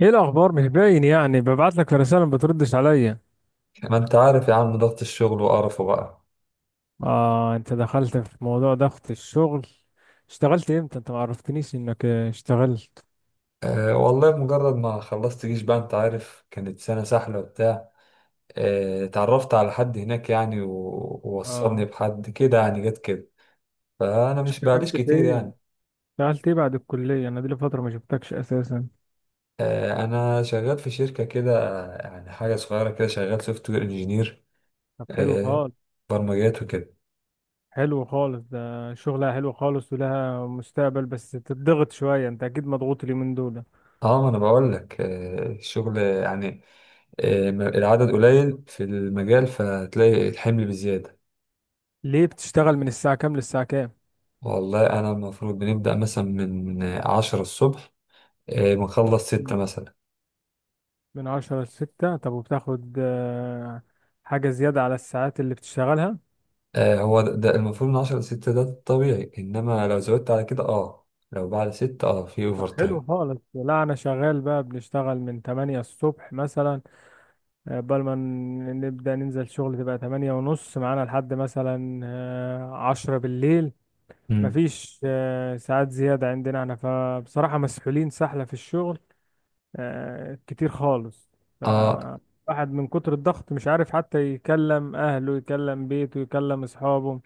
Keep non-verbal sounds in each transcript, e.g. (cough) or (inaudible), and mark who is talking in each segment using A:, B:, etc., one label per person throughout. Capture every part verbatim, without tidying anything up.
A: ايه الاخبار؟ مش باين، يعني ببعت لك رساله ما بتردش عليا.
B: ما انت عارف يا عم، ضغط الشغل وقرفه بقى.
A: اه، انت دخلت في موضوع ضغط الشغل. اشتغلت امتى؟ انت ما عرفتنيش انك آه، اشتغلت.
B: أه، والله مجرد ما خلصت جيش بقى انت عارف، كانت سنة سحلة وبتاع. أه، اتعرفت على حد هناك يعني و- ووصلني
A: اه،
B: بحد كده يعني جت كده. فأنا مش
A: اشتغلت
B: بقاليش
A: في
B: كتير
A: ايه؟
B: يعني.
A: اشتغلت ايه بعد الكليه؟ انا دي لي فتره ما شفتكش اساسا.
B: أه، أنا شغال في شركة كده، يعني حاجة صغيرة كده، شغال سوفت وير انجينير.
A: طب حلو
B: أه،
A: خالص.
B: برمجيات وكده.
A: حلو خالص، ده شغلها حلو خالص ولها مستقبل، بس تتضغط شويه، انت اكيد مضغوط اليومين دول.
B: اه، ما انا بقول لك، أه الشغل يعني. أه العدد قليل في المجال، فتلاقي الحمل بزيادة.
A: ليه؟ بتشتغل من الساعه كام للساعه كام؟
B: والله أنا المفروض بنبدأ مثلا من عشرة الصبح، آه، بنخلص ستة
A: مم.
B: مثلا.
A: من عشرة لستة؟ طب وبتاخد آه، حاجه زياده على الساعات اللي بتشتغلها؟
B: آه، هو ده, ده المفروض من عشرة لستة، ده الطبيعي، إنما لو زودت على كده أه لو بعد ستة أه في
A: طب
B: أوفر
A: حلو
B: تايم.
A: خالص. لا، انا شغال بقى، بنشتغل من تمانية الصبح مثلا، آه، قبل ما ن- نبدأ ننزل شغل تبقى ثمانية ونص، معانا لحد مثلا آه، عشرة بالليل.
B: مم.
A: مفيش آه، ساعات زيادة عندنا احنا، فبصراحة مسحولين سحلة في الشغل آه، كتير خالص.
B: أه.
A: فالواحد من كتر الضغط مش عارف حتى يكلم اهله، يكلم بيته، يكلم اصحابه.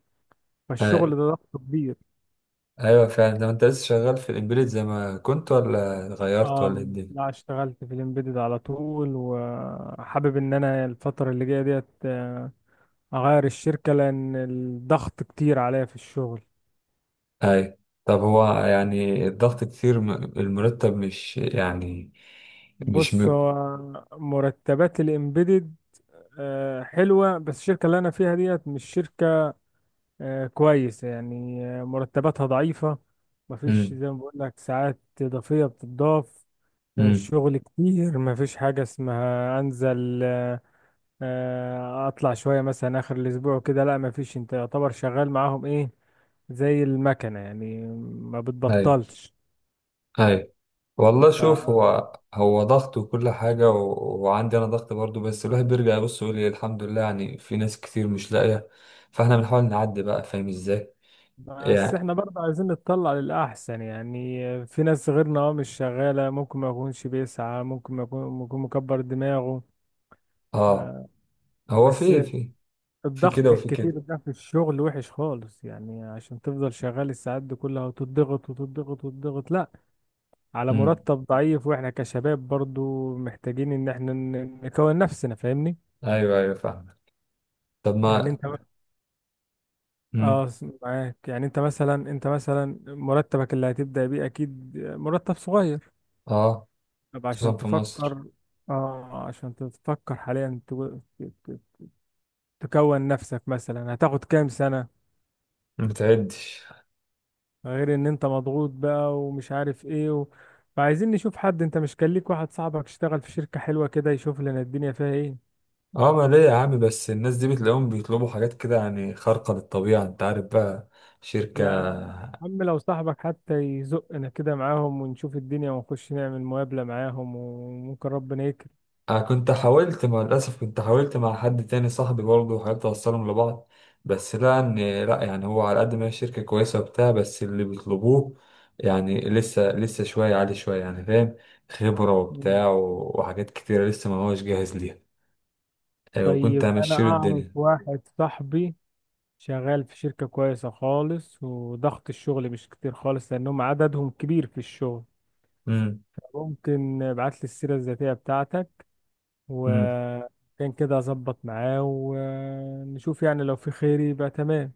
A: فالشغل
B: آه،.
A: ده ضغط كبير.
B: أيوه فعلا. ده أنت لسه شغال في الإمبيدد زي ما كنت، ولا غيرت، ولا إيه
A: اه،
B: الدنيا؟
A: لا اشتغلت في الامبيدد على طول، وحابب ان انا الفترة اللي جاية ديت آه، اغير الشركة لان الضغط كتير عليا في الشغل.
B: أيوه. طب هو يعني الضغط كتير، م- المرتب مش يعني. مش
A: بص،
B: م...
A: هو مرتبات الامبيدد آه، حلوة، بس الشركة اللي انا فيها ديت مش شركة آه، كويسة يعني، آه، مرتباتها ضعيفة، مفيش
B: مم.
A: زي ما بقول لك ساعات إضافية بتضاف. آه،
B: مم.
A: الشغل كتير، مفيش حاجة اسمها انزل آه، آه، اطلع شويه مثلا اخر الاسبوع كده، لا ما فيش. انت يعتبر شغال معاهم ايه؟ زي المكنه يعني، ما
B: أيوه.
A: بتبطلش.
B: اي. والله
A: ف
B: شوف، هو هو ضغط وكل حاجة و... وعندي أنا ضغط برضو، بس الواحد بيرجع يبص يقول إيه، الحمد لله، يعني في ناس كتير مش لاقية. فاحنا بنحاول نعدي بقى، فاهم ازاي؟
A: بس
B: يعني.
A: احنا برضه عايزين نتطلع للاحسن، يعني في ناس غيرنا اه مش شغاله، ممكن ما يكونش بيسعى، ممكن ما يكون ممكن مكبر دماغه.
B: اه.
A: آه،
B: هو
A: بس
B: في في في كده
A: الضغط
B: وفي كده.
A: الكتير ده في الشغل وحش خالص، يعني عشان تفضل شغال الساعات دي كلها وتضغط وتضغط وتضغط لا، على
B: امم.
A: مرتب ضعيف، واحنا كشباب برضو محتاجين ان احنا ن- نكون نفسنا، فاهمني؟
B: ايوه، ايوه، فاهم. طب
A: يعني
B: ما.
A: انت
B: امم.
A: اه معاك، يعني انت مثلا انت مثلا مرتبك اللي هتبدأ بيه اكيد مرتب صغير.
B: اه.
A: طب عشان
B: خصوصا في مصر.
A: تفكر، اه عشان تفكر حاليا تو- ت- تكون نفسك، مثلا هتاخد كام سنة؟
B: ما بتعدش.
A: غير ان انت مضغوط بقى ومش عارف ايه. و... فعايزين نشوف حد، انت مش كان ليك واحد صاحبك اشتغل في شركة حلوة كده، يشوف لنا الدنيا فيها ايه؟
B: اه، ما ليه يا عم، بس الناس دي بتلاقيهم بيطلبوا حاجات كده يعني خارقة للطبيعة، انت عارف بقى. شركة.
A: يا عم لو صاحبك حتى يزقنا كده معاهم، ونشوف الدنيا ونخش نعمل مقابلة معاهم، وممكن ربنا يكرم.
B: أنا كنت حاولت مع، للأسف كنت حاولت مع حد تاني صاحبي برضه، وحاولت أوصلهم لبعض. بس لقى إن، لأ، يعني هو على قد ما هي شركة كويسة وبتاع، بس اللي بيطلبوه يعني لسه لسه شوية عالي شوية، يعني فاهم، خبرة
A: مم.
B: وبتاع و- وحاجات كتيرة لسه ما هوش جاهز ليها. أيوة، وكنت
A: طيب، أنا
B: همشيله
A: أعرف
B: الدنيا.
A: واحد صاحبي شغال في شركة كويسة خالص وضغط الشغل مش كتير خالص، لأنهم عددهم كبير في الشغل.
B: امم.
A: ممكن ابعت لي السيرة الذاتية بتاعتك،
B: امم.
A: وكان كده أظبط معاه ونشوف، يعني لو في خير يبقى تمام.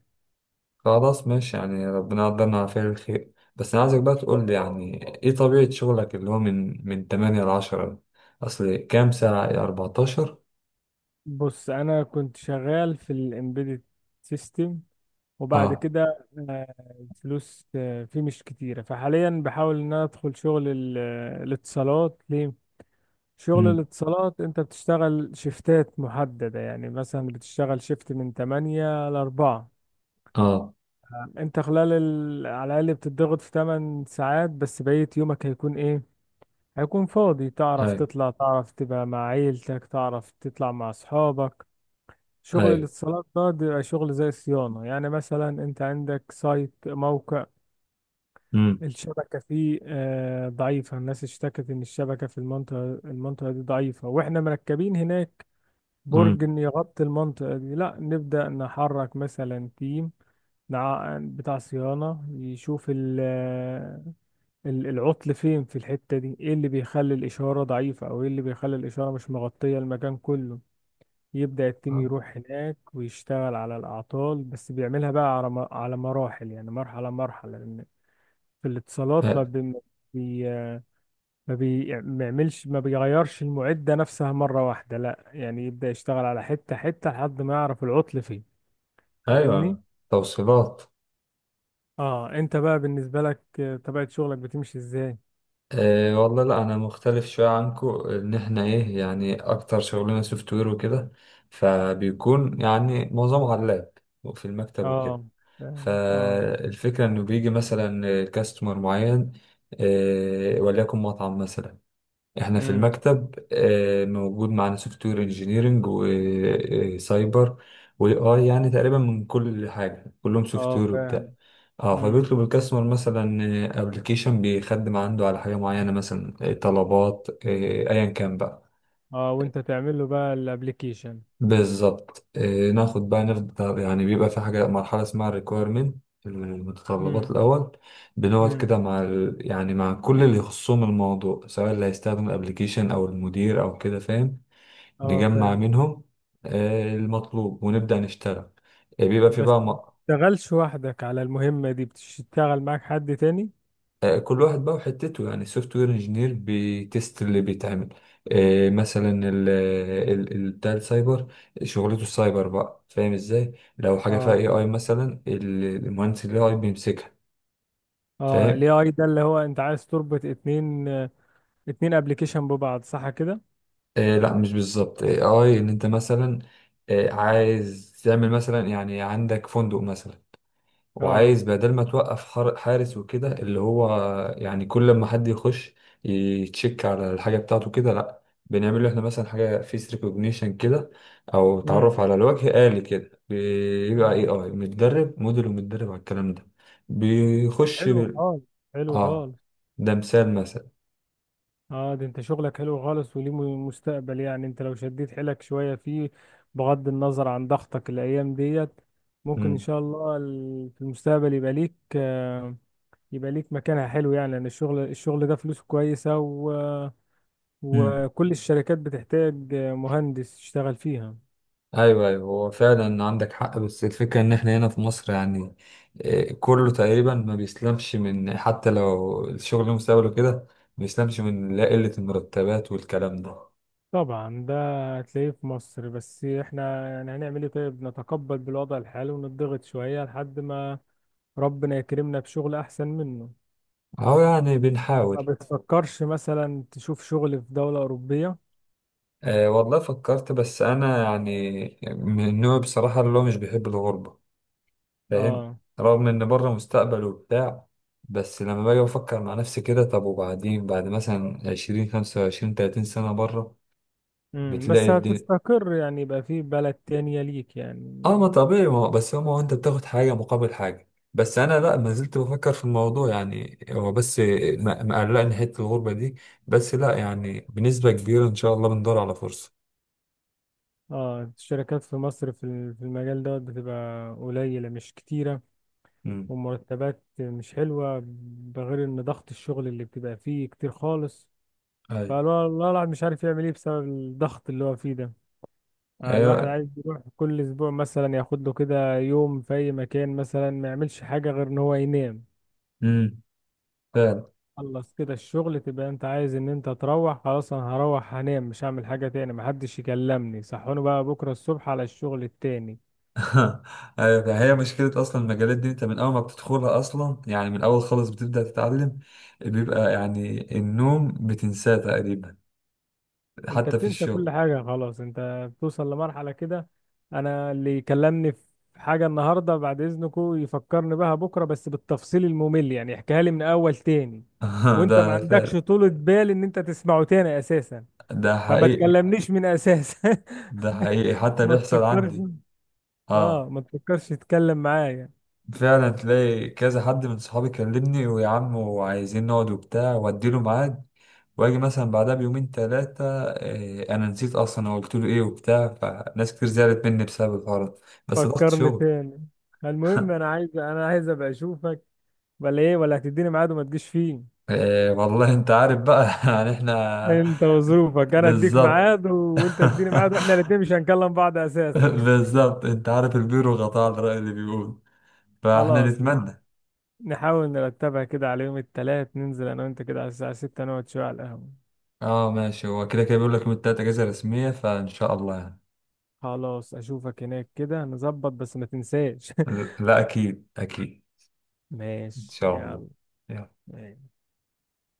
B: خلاص، ماشي، يعني ربنا يقدرنا على فعل الخير. بس أنا عايزك بقى تقول لي يعني إيه طبيعة شغلك اللي هو من من ثمانية ل عشرة؟ أصل كام ساعة، أربعتاشر؟
A: بص، أنا كنت شغال في الإمبيدد سيستم، وبعد
B: اه.
A: كده آه، الفلوس آه، فيه مش كتيرة، فحاليا بحاول ان انا ادخل شغل ال- آه، الاتصالات. ليه؟ شغل
B: مم.
A: الاتصالات انت بتشتغل شيفتات محددة، يعني مثلا بتشتغل شيفت من ثمانية ل أربعة.
B: اه.
A: انت خلال ال... على الاقل بتضغط في ثمان ساعات، بس بقية يومك هيكون ايه؟ هيكون فاضي، تعرف
B: اي
A: تطلع، تعرف تبقى مع عيلتك، تعرف تطلع مع اصحابك.
B: اي.
A: شغل الاتصالات ده بيبقى شغل زي صيانة، يعني مثلا انت عندك سايت موقع
B: امم.
A: الشبكة فيه آه، ضعيفة، الناس اشتكت إن الشبكة في المنطقة المنطقة دي ضعيفة، وإحنا مركبين هناك برج
B: امم.
A: إن يغطي المنطقة دي، لا نبدأ نحرك مثلا تيم نع- بتاع صيانة يشوف ال- ال- العطل فين في الحتة دي، ايه اللي بيخلي الإشارة ضعيفة، او ايه اللي بيخلي الإشارة مش مغطية المكان كله. يبدأ التيم يروح هناك ويشتغل على الأعطال، بس بيعملها بقى على م- على مراحل، يعني مرحلة مرحلة. في الاتصالات ما
B: آه،.
A: بي ما بي ما بي- ما بيعملش، ما بيغيرش المعدة نفسها مرة واحدة، لا يعني يبدأ يشتغل على حتة حتة لحد ما يعرف العطل فين. فاهمني؟
B: ايوه. توصيلات.
A: اه، انت بقى بالنسبة لك آه، طبيعة شغلك بتمشي ازاي؟
B: آه والله، لا، انا مختلف شويه عنكو، ان احنا ايه يعني، اكتر شغلنا سوفت وير وكده، فبيكون يعني معظمه على اللاب، وفي المكتب وكده.
A: اه فاهمك. اه.
B: فالفكره انه بيجي مثلا كاستمر معين، آه وليكن مطعم مثلا. احنا في
A: امم.
B: المكتب آه، موجود معانا سوفت وير انجينيرنج، وسايبر، واي اي، يعني تقريبا من كل حاجه، كلهم سوفت
A: اه
B: وير وبتاع.
A: فاهم.
B: اه،
A: امم.
B: فبيطلب الكاستمر مثلا ابلكيشن بيخدم عنده على حاجه معينه، مثلا آه، طلبات، آه، ايا كان بقى.
A: اه وانت تعمل له بقى الابليكيشن.
B: بالظبط. آه، ناخد بقى، نفضل يعني بيبقى في حاجه مرحله اسمها ريكويرمنت، المتطلبات
A: امم.
B: الاول. بنقعد
A: امم.
B: كده مع ال... يعني مع كل اللي يخصهم الموضوع، سواء اللي هيستخدم الابلكيشن او المدير او كده، فاهم.
A: اه
B: نجمع
A: فاهم.
B: منهم آه، المطلوب، ونبدأ نشتغل. آه، بيبقى في
A: بس
B: بقى
A: ما
B: م-
A: بتشتغلش وحدك على المهمة دي، بتشتغل معاك حد تاني؟
B: آه، كل واحد بقى وحتته، يعني السوفت وير انجينير بيتست اللي بيتعمل، آه، مثلا ال ال ال- بتاع السايبر، شغلته السايبر بقى، فاهم ازاي؟ لو حاجة فيها
A: اه.
B: اي اي مثلا، ال- المهندس الاي اي بيمسكها.
A: اه،
B: فاهم.
A: الاي اي ده اللي هو انت عايز تربط اتنين آه، اتنين ابلكيشن ببعض، صح كده؟
B: آه، لا، مش بالظبط. اي اي ان انت مثلا آه، عايز تعمل مثلا يعني، عندك فندق مثلا،
A: اه.
B: وعايز بدل ما توقف حار- حارس وكده، اللي هو يعني كل ما حد يخش يتشيك على الحاجة بتاعته كده، لا، بنعمل له احنا مثلا حاجة فيس ريكوجنيشن كده، او
A: امم.
B: تعرف على الوجه آلي كده. بيبقى
A: اه.
B: اي اي متدرب، موديل ومتدرب على الكلام ده،
A: طب
B: بيخش
A: حلو
B: بال-
A: خالص. حلو
B: اه،
A: خالص.
B: ده مثال مثلا.
A: اه، ده انت شغلك حلو خالص وليه م- مستقبل، يعني انت لو شديت حيلك شوية فيه، بغض النظر عن ضغطك الايام ديت، ممكن ان
B: مم.
A: شاء الله ال- في المستقبل يبقى ليك آه، يبقى ليك مكانها حلو، يعني لان الشغل الشغل ده فلوسه كويسة، و... وكل الشركات بتحتاج مهندس يشتغل فيها.
B: ايوه، ايوه، هو فعلا عندك حق. بس الفكره ان احنا هنا في مصر يعني آه، كله تقريبا ما بيسلمش، من حتى لو الشغل مستقبله كده ما بيسلمش من، لا قله المرتبات والكلام ده.
A: طبعا ده هتلاقيه في مصر، بس احنا يعني هنعمل ايه؟ طيب، نتقبل بالوضع الحالي ونضغط شوية لحد ما ربنا يكرمنا بشغل احسن منه.
B: اهو يعني
A: ما
B: بنحاول.
A: بتفكرش مثلا تشوف شغل في دولة أوروبية؟
B: أه، والله فكرت، بس انا يعني من النوع بصراحه اللي هو مش بيحب الغربه، فاهم.
A: اه.
B: رغم ان بره مستقبل وبتاع، بس لما باجي بفكر مع نفسي كده، طب وبعدين، بعد مثلا عشرين، خمسة وعشرين، تلاتين سنة بره،
A: امم. بس
B: بتلاقي الدنيا.
A: هتستقر يعني، يبقى في بلد تانية ليك
B: اه،
A: يعني.
B: ما طبيعي، ما هو- بس هو ما هو انت بتاخد حاجة مقابل حاجة. بس انا لا، ما زلت بفكر في الموضوع يعني، هو بس م- مقلقني حتة الغربة دي. بس لا، يعني بنسبة كبيرة ان شاء الله بندور على فرصة.
A: اه، الشركات في مصر في ال- في المجال ده بتبقى قليلة مش كتيرة،
B: امم.
A: ومرتبات مش حلوة، بغير ان ضغط الشغل اللي بتبقى فيه كتير خالص.
B: ايوه،
A: فالله الواحد مش عارف يعمل ايه بسبب الضغط اللي هو فيه ده. آه، الواحد
B: ايوه.
A: عايز يروح كل اسبوع مثلا، ياخد له كده يوم في اي مكان، مثلا ما يعملش حاجه غير ان هو ينام.
B: امم. فعلا.
A: خلص كده الشغل، تبقى انت عايز ان انت تروح. خلاص، انا هروح هنام، مش هعمل حاجه تاني، محدش يكلمني، صحوني بقى بكره الصبح على الشغل التاني.
B: (laughs) ايوه، فهي مشكلة اصلا المجالات دي، انت من اول ما بتدخلها اصلا يعني، من اول خالص بتبدأ تتعلم، بيبقى يعني النوم بتنساه تقريبا،
A: انت
B: حتى في
A: بتنسى كل
B: الشغل.
A: حاجة خلاص، انت بتوصل لمرحلة كده، انا اللي يكلمني في حاجة النهاردة بعد اذنكو يفكرني بها بكرة، بس بالتفصيل الممل، يعني يحكيها لي من اول تاني،
B: (laughs)
A: وانت ما
B: ده
A: عندكش
B: فعلا.
A: طولة بال ان انت تسمعه تاني اساسا،
B: ده
A: فما
B: حقيقي.
A: تكلمنيش من اساس.
B: ده حقيقي،
A: (laughs)
B: حتى
A: ما
B: بيحصل
A: تفكرش.
B: عندي.
A: اه،
B: اه،
A: ما تفكرش تتكلم معايا.
B: فعلا تلاقي كذا حد من صحابي كلمني، ويا عم وعايزين نقعد وبتاع، واديله ميعاد، واجي مثلا بعدها بيومين تلاتة، إيه، انا نسيت اصلا انا قلت له ايه وبتاع. فناس كتير زعلت مني بسبب الحوار ده. بس ضغط
A: فكرني
B: شغل.
A: تاني. المهم انا عايز انا عايز ابقى اشوفك، ولا ايه؟ ولا هتديني ميعاد وما تجيش فيه؟
B: إيه، والله انت عارف بقى (laughs) يعني احنا.
A: انت وظروفك، انا اديك
B: بالظبط.
A: ميعاد و- وانت تديني ميعاد، واحنا
B: (laughs)
A: الاثنين مش هنكلم بعض اساسا. (laughs)
B: بالظبط. انت عارف البيرو غطاء على الرأي اللي بيقول. فاحنا
A: خلاص، نع-
B: نتمنى.
A: نحاول نرتبها كده على يوم الثلاث، ننزل انا وانت كده على الساعة ستة، نقعد شوية على القهوة.
B: اه، ماشي. هو كده كده بيقول لك يوم التلاتة اجازة رسمية، فان شاء الله يعني.
A: خلاص، اشوفك هناك كده، نظبط بس ما تنساش. (laughs)
B: لا، أكيد، أكيد. إن
A: ماشي،
B: شاء الله.
A: يلا.
B: يلا.